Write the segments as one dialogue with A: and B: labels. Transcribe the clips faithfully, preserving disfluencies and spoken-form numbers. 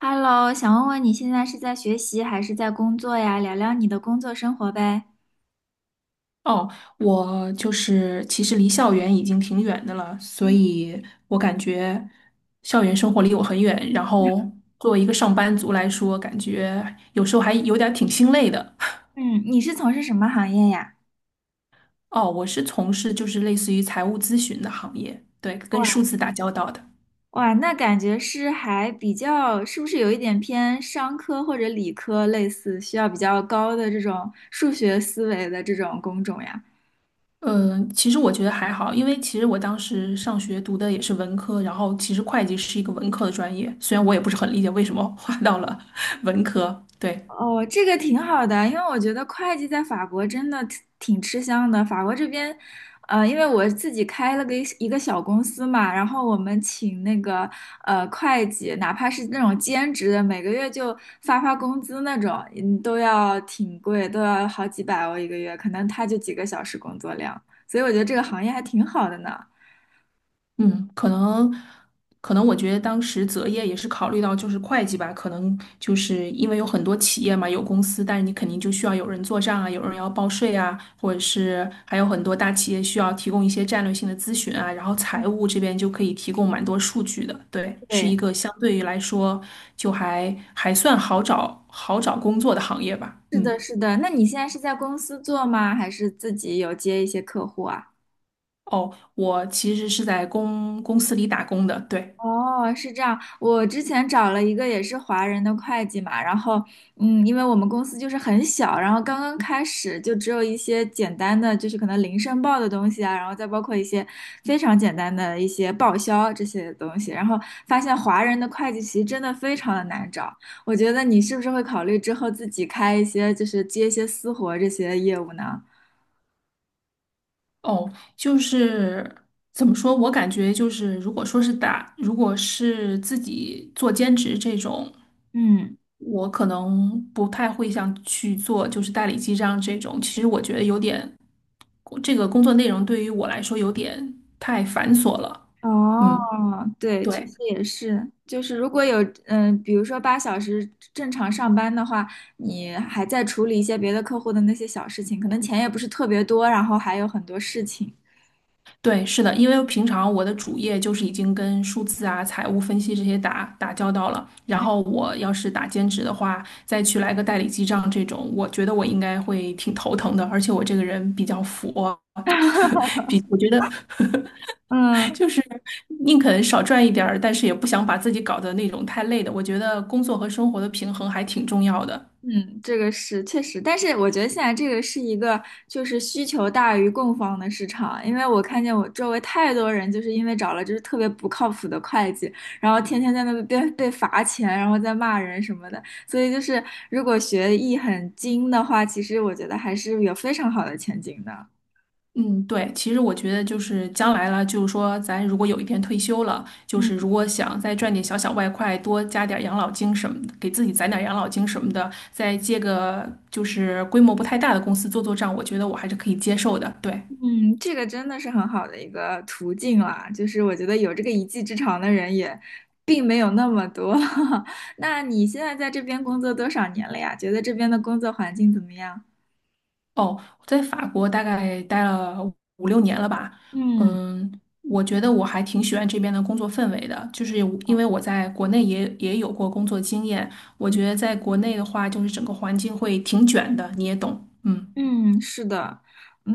A: Hello，想问问你现在是在学习还是在工作呀？聊聊你的工作生活呗。
B: 哦，我就是其实离校园已经挺远的了，所以我感觉校园生活离我很远。然后作为一个上班族来说，感觉有时候还有点儿挺心累的。
A: 嗯，你是从事什么行业呀？
B: 哦，我是从事就是类似于财务咨询的行业，对，跟
A: 哇
B: 数字打交道的。
A: 哇，那感觉是还比较，是不是有一点偏商科或者理科类似，需要比较高的这种数学思维的这种工种呀？
B: 嗯，其实我觉得还好，因为其实我当时上学读的也是文科，然后其实会计是一个文科的专业，虽然我也不是很理解为什么划到了 文科，对。
A: 哦，这个挺好的，因为我觉得会计在法国真的挺挺吃香的。法国这边，呃，因为我自己开了个一个小公司嘛，然后我们请那个呃会计，哪怕是那种兼职的，每个月就发发工资那种，嗯，都要挺贵，都要好几百欧一个月，可能他就几个小时工作量，所以我觉得这个行业还挺好的呢。
B: 嗯，可能，可能我觉得当时择业也是考虑到就是会计吧，可能就是因为有很多企业嘛，有公司，但是你肯定就需要有人做账啊，有人要报税啊，或者是还有很多大企业需要提供一些战略性的咨询啊，然后财务这边就可以提供蛮多数据的，对，是
A: 对，
B: 一个相对于来说就还还算好找好找工作的行业吧，
A: 是
B: 嗯，
A: 的，是的。那你现在是在公司做吗？还是自己有接一些客户啊？
B: 哦，我其实是在公公司里打工的，对。
A: 哦，是这样。我之前找了一个也是华人的会计嘛，然后，嗯，因为我们公司就是很小，然后刚刚开始就只有一些简单的，就是可能零申报的东西啊，然后再包括一些非常简单的一些报销这些东西，然后发现华人的会计其实真的非常的难找。我觉得你是不是会考虑之后自己开一些，就是接一些私活这些业务呢？
B: 哦，就是怎么说，我感觉就是，如果说是打，如果是自己做兼职这种，
A: 嗯。
B: 我可能不太会想去做，就是代理记账这种。其实我觉得有点，这个工作内容对于我来说有点太繁琐了。
A: 哦，
B: 嗯，
A: 对，确实
B: 对。
A: 也是，就是如果有，嗯、比如说八小时正常上班的话，你还在处理一些别的客户的那些小事情，可能钱也不是特别多，然后还有很多事情。
B: 对，是的，因为平常我的主业就是已经跟数字啊、财务分析这些打打交道了，然后我要是打兼职的话，再去来个代理记账这种，我觉得我应该会挺头疼的，而且我这个人比较佛，比我觉得
A: 嗯。
B: 就是宁肯少赚一点儿，但是也不想把自己搞得那种太累的，我觉得工作和生活的平衡还挺重要的。
A: 嗯，这个是确实，但是我觉得现在这个是一个就是需求大于供方的市场，因为我看见我周围太多人就是因为找了就是特别不靠谱的会计，然后天天在那边被罚钱，然后在骂人什么的，所以就是如果学艺很精的话，其实我觉得还是有非常好的前景的。
B: 嗯，对，其实我觉得就是将来了，就是说咱如果有一天退休了，就是
A: 嗯。
B: 如果想再赚点小小外快，多加点养老金什么的，给自己攒点养老金什么的，再接个就是规模不太大的公司做做账，我觉得我还是可以接受的。对，
A: 嗯，这个真的是很好的一个途径啦，就是我觉得有这个一技之长的人也并没有那么多。那你现在在这边工作多少年了呀？觉得这边的工作环境怎么样？
B: 哦，我在法国大概待了五六年了吧，
A: 嗯。
B: 嗯，我觉得我还挺喜欢这边的工作氛围的，就是因为我在国内也也有过工作经验，我觉得在国内的话，就是整个环境会挺卷的，你也懂，嗯。
A: 嗯，是的，嗯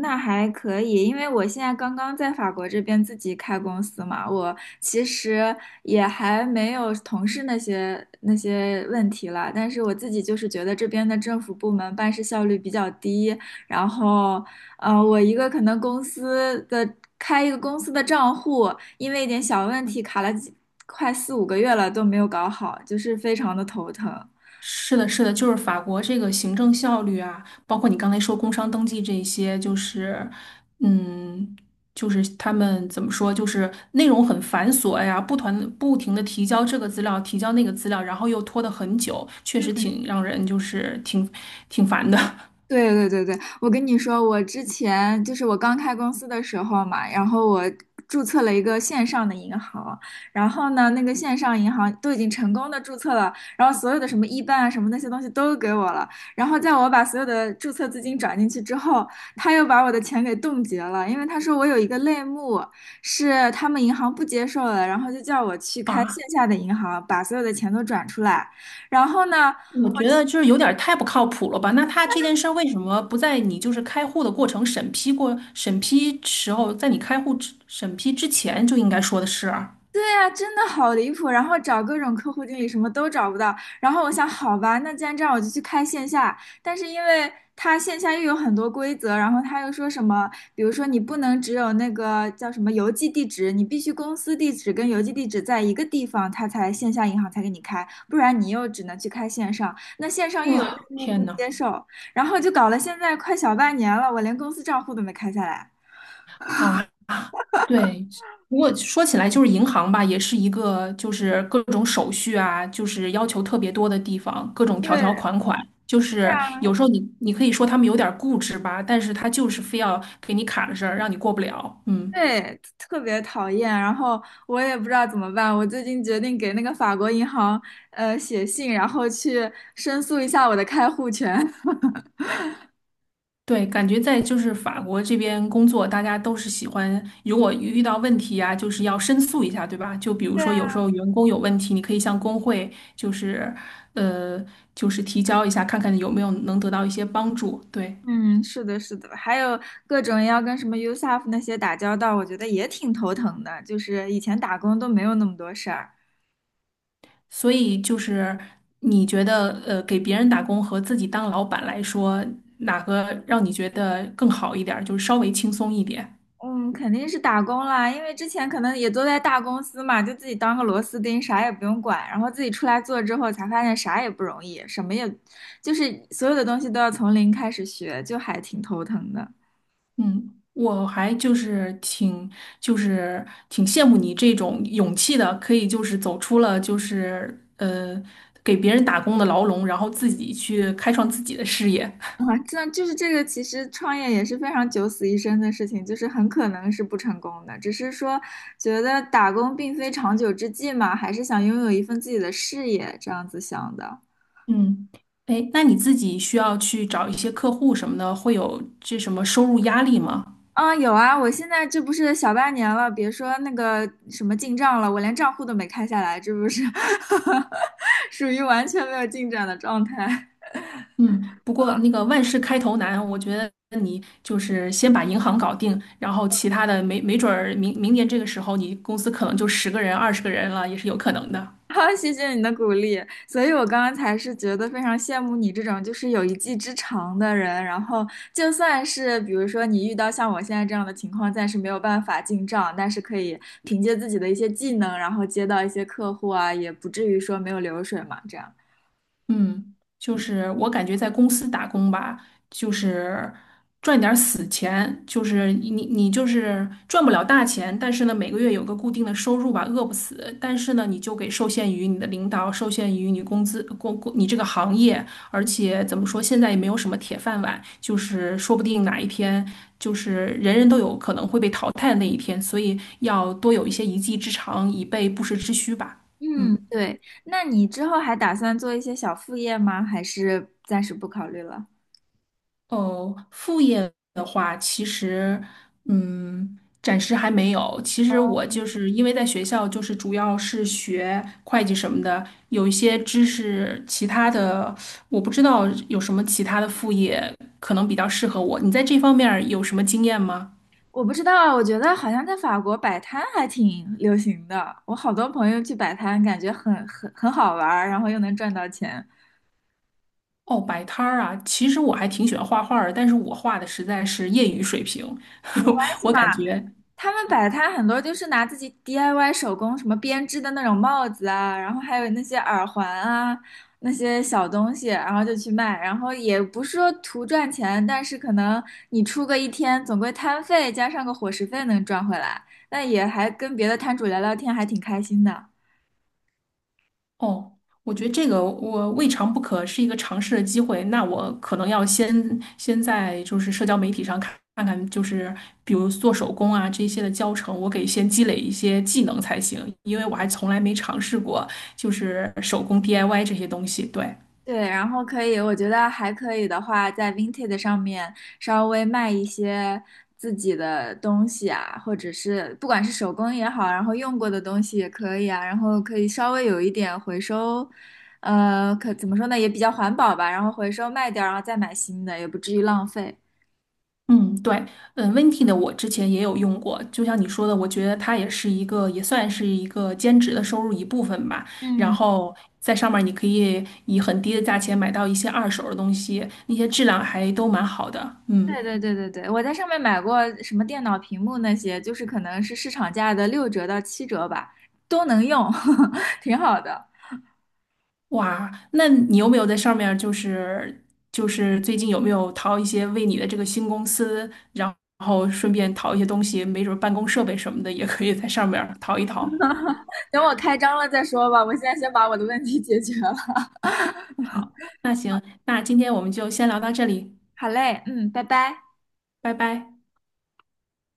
A: 那还可以，因为我现在刚刚在法国这边自己开公司嘛，我其实也还没有同事那些那些问题了，但是我自己就是觉得这边的政府部门办事效率比较低，然后，呃，我一个可能公司的开一个公司的账户，因为一点小问题卡了几快四五个月了都没有搞好，就是非常的头疼。
B: 是的，是的，就是法国这个行政效率啊，包括你刚才说工商登记这些，就是，嗯，就是他们怎么说，就是内容很繁琐呀，不团不停的提交这个资料，提交那个资料，然后又拖得很久，确实挺让人就是挺挺烦的
A: 对对对对，我跟你说，我之前就是我刚开公司的时候嘛，然后我注册了一个线上的银行，然后呢，那个线上银行都已经成功的注册了，然后所有的什么一办啊什么那些东西都给我了，然后在我把所有的注册资金转进去之后，他又把我的钱给冻结了，因为他说我有一个类目是他们银行不接受的，然后就叫我去 开线
B: 啊。
A: 下的银行，把所有的钱都转出来。然后呢？
B: 我觉得就是有点儿太不靠谱了吧？那他这件事儿为什么不在你就是开户的过程审批过审批时候，在你开户之审批之前就应该说的是啊？
A: 对呀，真的好离谱，然后找各种客户经理什么都找不到，然后我想，好吧，那既然这样，我就去开线下。但是因为他线下又有很多规则，然后他又说什么，比如说你不能只有那个叫什么邮寄地址，你必须公司地址跟邮寄地址在一个地方，他才线下银行才给你开，不然你又只能去开线上。那线上又有内
B: 哇、
A: 幕不
B: 天呐！
A: 接受，然后就搞了现在快小半年了，我连公司账户都没开下来。
B: 啊，对，不过说起来，就是银行吧，也是一个就是各种手续啊，就是要求特别多的地方，各种条条
A: 对，
B: 款款。就是
A: 啊。
B: 有时候你你可以说他们有点儿固执吧，但是他就是非要给你卡着事儿，让你过不了。嗯。
A: 对，特别讨厌，然后我也不知道怎么办。我最近决定给那个法国银行呃写信，然后去申诉一下我的开户权。
B: 对，感觉在就是法国这边工作，大家都是喜欢，如果遇到问题呀、就是要申诉一下，对吧？就比如
A: 对
B: 说
A: 啊，
B: 有时候员工有问题，你可以向工会，就是，呃，就是提交一下，看看有没有能得到一些帮助。对，
A: 嗯，是的，是的，还有各种要跟什么 U S A F 那些打交道，我觉得也挺头疼的。就是以前打工都没有那么多事儿。
B: 所以就是你觉得，呃，给别人打工和自己当老板来说，哪个让你觉得更好一点儿，就是稍微轻松一点？
A: 嗯，肯定是打工啦，因为之前可能也都在大公司嘛，就自己当个螺丝钉，啥也不用管，然后自己出来做之后，才发现啥也不容易，什么也，就是所有的东西都要从零开始学，就还挺头疼的。
B: 嗯，我还就是挺就是挺羡慕你这种勇气的，可以就是走出了就是呃给别人打工的牢笼，然后自己去开创自己的事业。
A: 啊，这就是这个，其实创业也是非常九死一生的事情，就是很可能是不成功的，只是说觉得打工并非长久之计嘛，还是想拥有一份自己的事业，这样子想的。
B: 嗯，哎，那你自己需要去找一些客户什么的，会有这什么收入压力吗？
A: 啊，有啊，我现在这不是小半年了，别说那个什么进账了，我连账户都没开下来，这不是 属于完全没有进展的状态。
B: 嗯，不过那个万事开头难，我觉得你就是先把银行搞定，然后其他的没没准儿明明年这个时候，你公司可能就十个人、二十个人了，也是有可能的。
A: 好，谢谢你的鼓励，所以我刚刚才是觉得非常羡慕你这种就是有一技之长的人，然后就算是比如说你遇到像我现在这样的情况，暂时没有办法进账，但是可以凭借自己的一些技能，然后接到一些客户啊，也不至于说没有流水嘛，这样。
B: 嗯，就是我感觉在公司打工吧，就是赚点儿死钱，就是你你就是赚不了大钱，但是呢每个月有个固定的收入吧，饿不死。但是呢，你就给受限于你的领导，受限于你工资工工你这个行业，而且怎么说，现在也没有什么铁饭碗，就是说不定哪一天就是人人都有可能会被淘汰的那一天，所以要多有一些一技之长，以备不时之需吧。
A: 嗯，
B: 嗯。
A: 对。那你之后还打算做一些小副业吗？还是暂时不考虑了？
B: 哦，副业的话，其实，嗯，暂时还没有。其实我就是因为在学校，就是主要是学会计什么的，有一些知识，其他的我不知道有什么其他的副业可能比较适合我。你在这方面儿有什么经验吗？
A: 我不知道啊，我觉得好像在法国摆摊还挺流行的。我好多朋友去摆摊，感觉很很很好玩儿然后又能赚到钱。
B: 哦，摆摊儿啊，其实我还挺喜欢画画儿的，但是我画的实在是业余水平，
A: 还 行
B: 我
A: 吧。
B: 感觉。
A: 他们摆摊很多就是拿自己 D I Y 手工什么编织的那种帽子啊，然后还有那些耳环啊，那些小东西，然后就去卖，然后也不是说图赚钱，但是可能你出个一天，总归摊费加上个伙食费能赚回来，那也还跟别的摊主聊聊天，还挺开心的。
B: 哦，我觉得这个我未尝不可是一个尝试的机会。那我可能要先先在就是社交媒体上看看看，就是比如做手工啊这些的教程，我给先积累一些技能才行，因为我还从来没尝试过就是手工 D I Y 这些东西。对。
A: 对，然后可以，我觉得还可以的话，在 Vinted 上面稍微卖一些自己的东西啊，或者是不管是手工也好，然后用过的东西也可以啊，然后可以稍微有一点回收，呃，可怎么说呢，也比较环保吧，然后回收卖掉，然后再买新的，也不至于浪费。
B: 嗯，对，嗯，Venti 的我之前也有用过，就像你说的，我觉得它也是一个，也算是一个兼职的收入一部分吧。然
A: 嗯，
B: 后在上面儿你可以以很低的价钱买到一些二手的东西，那些质量还都蛮好的。嗯，
A: 对对对对对，我在上面买过什么电脑屏幕那些，就是可能是市场价的六折到七折吧，都能用，挺好的。
B: 哇，那你有没有在上面儿就是就是最近有没有淘一些为你的这个新公司，然后顺便淘一些东西，没准儿办公设备什么的也可以在上面儿淘一淘。
A: 等我开张了再说吧，我现在先把我的问题解决了。
B: 好，那行，那今天我们就先聊到这里，
A: 好嘞，嗯，拜拜。
B: 拜拜。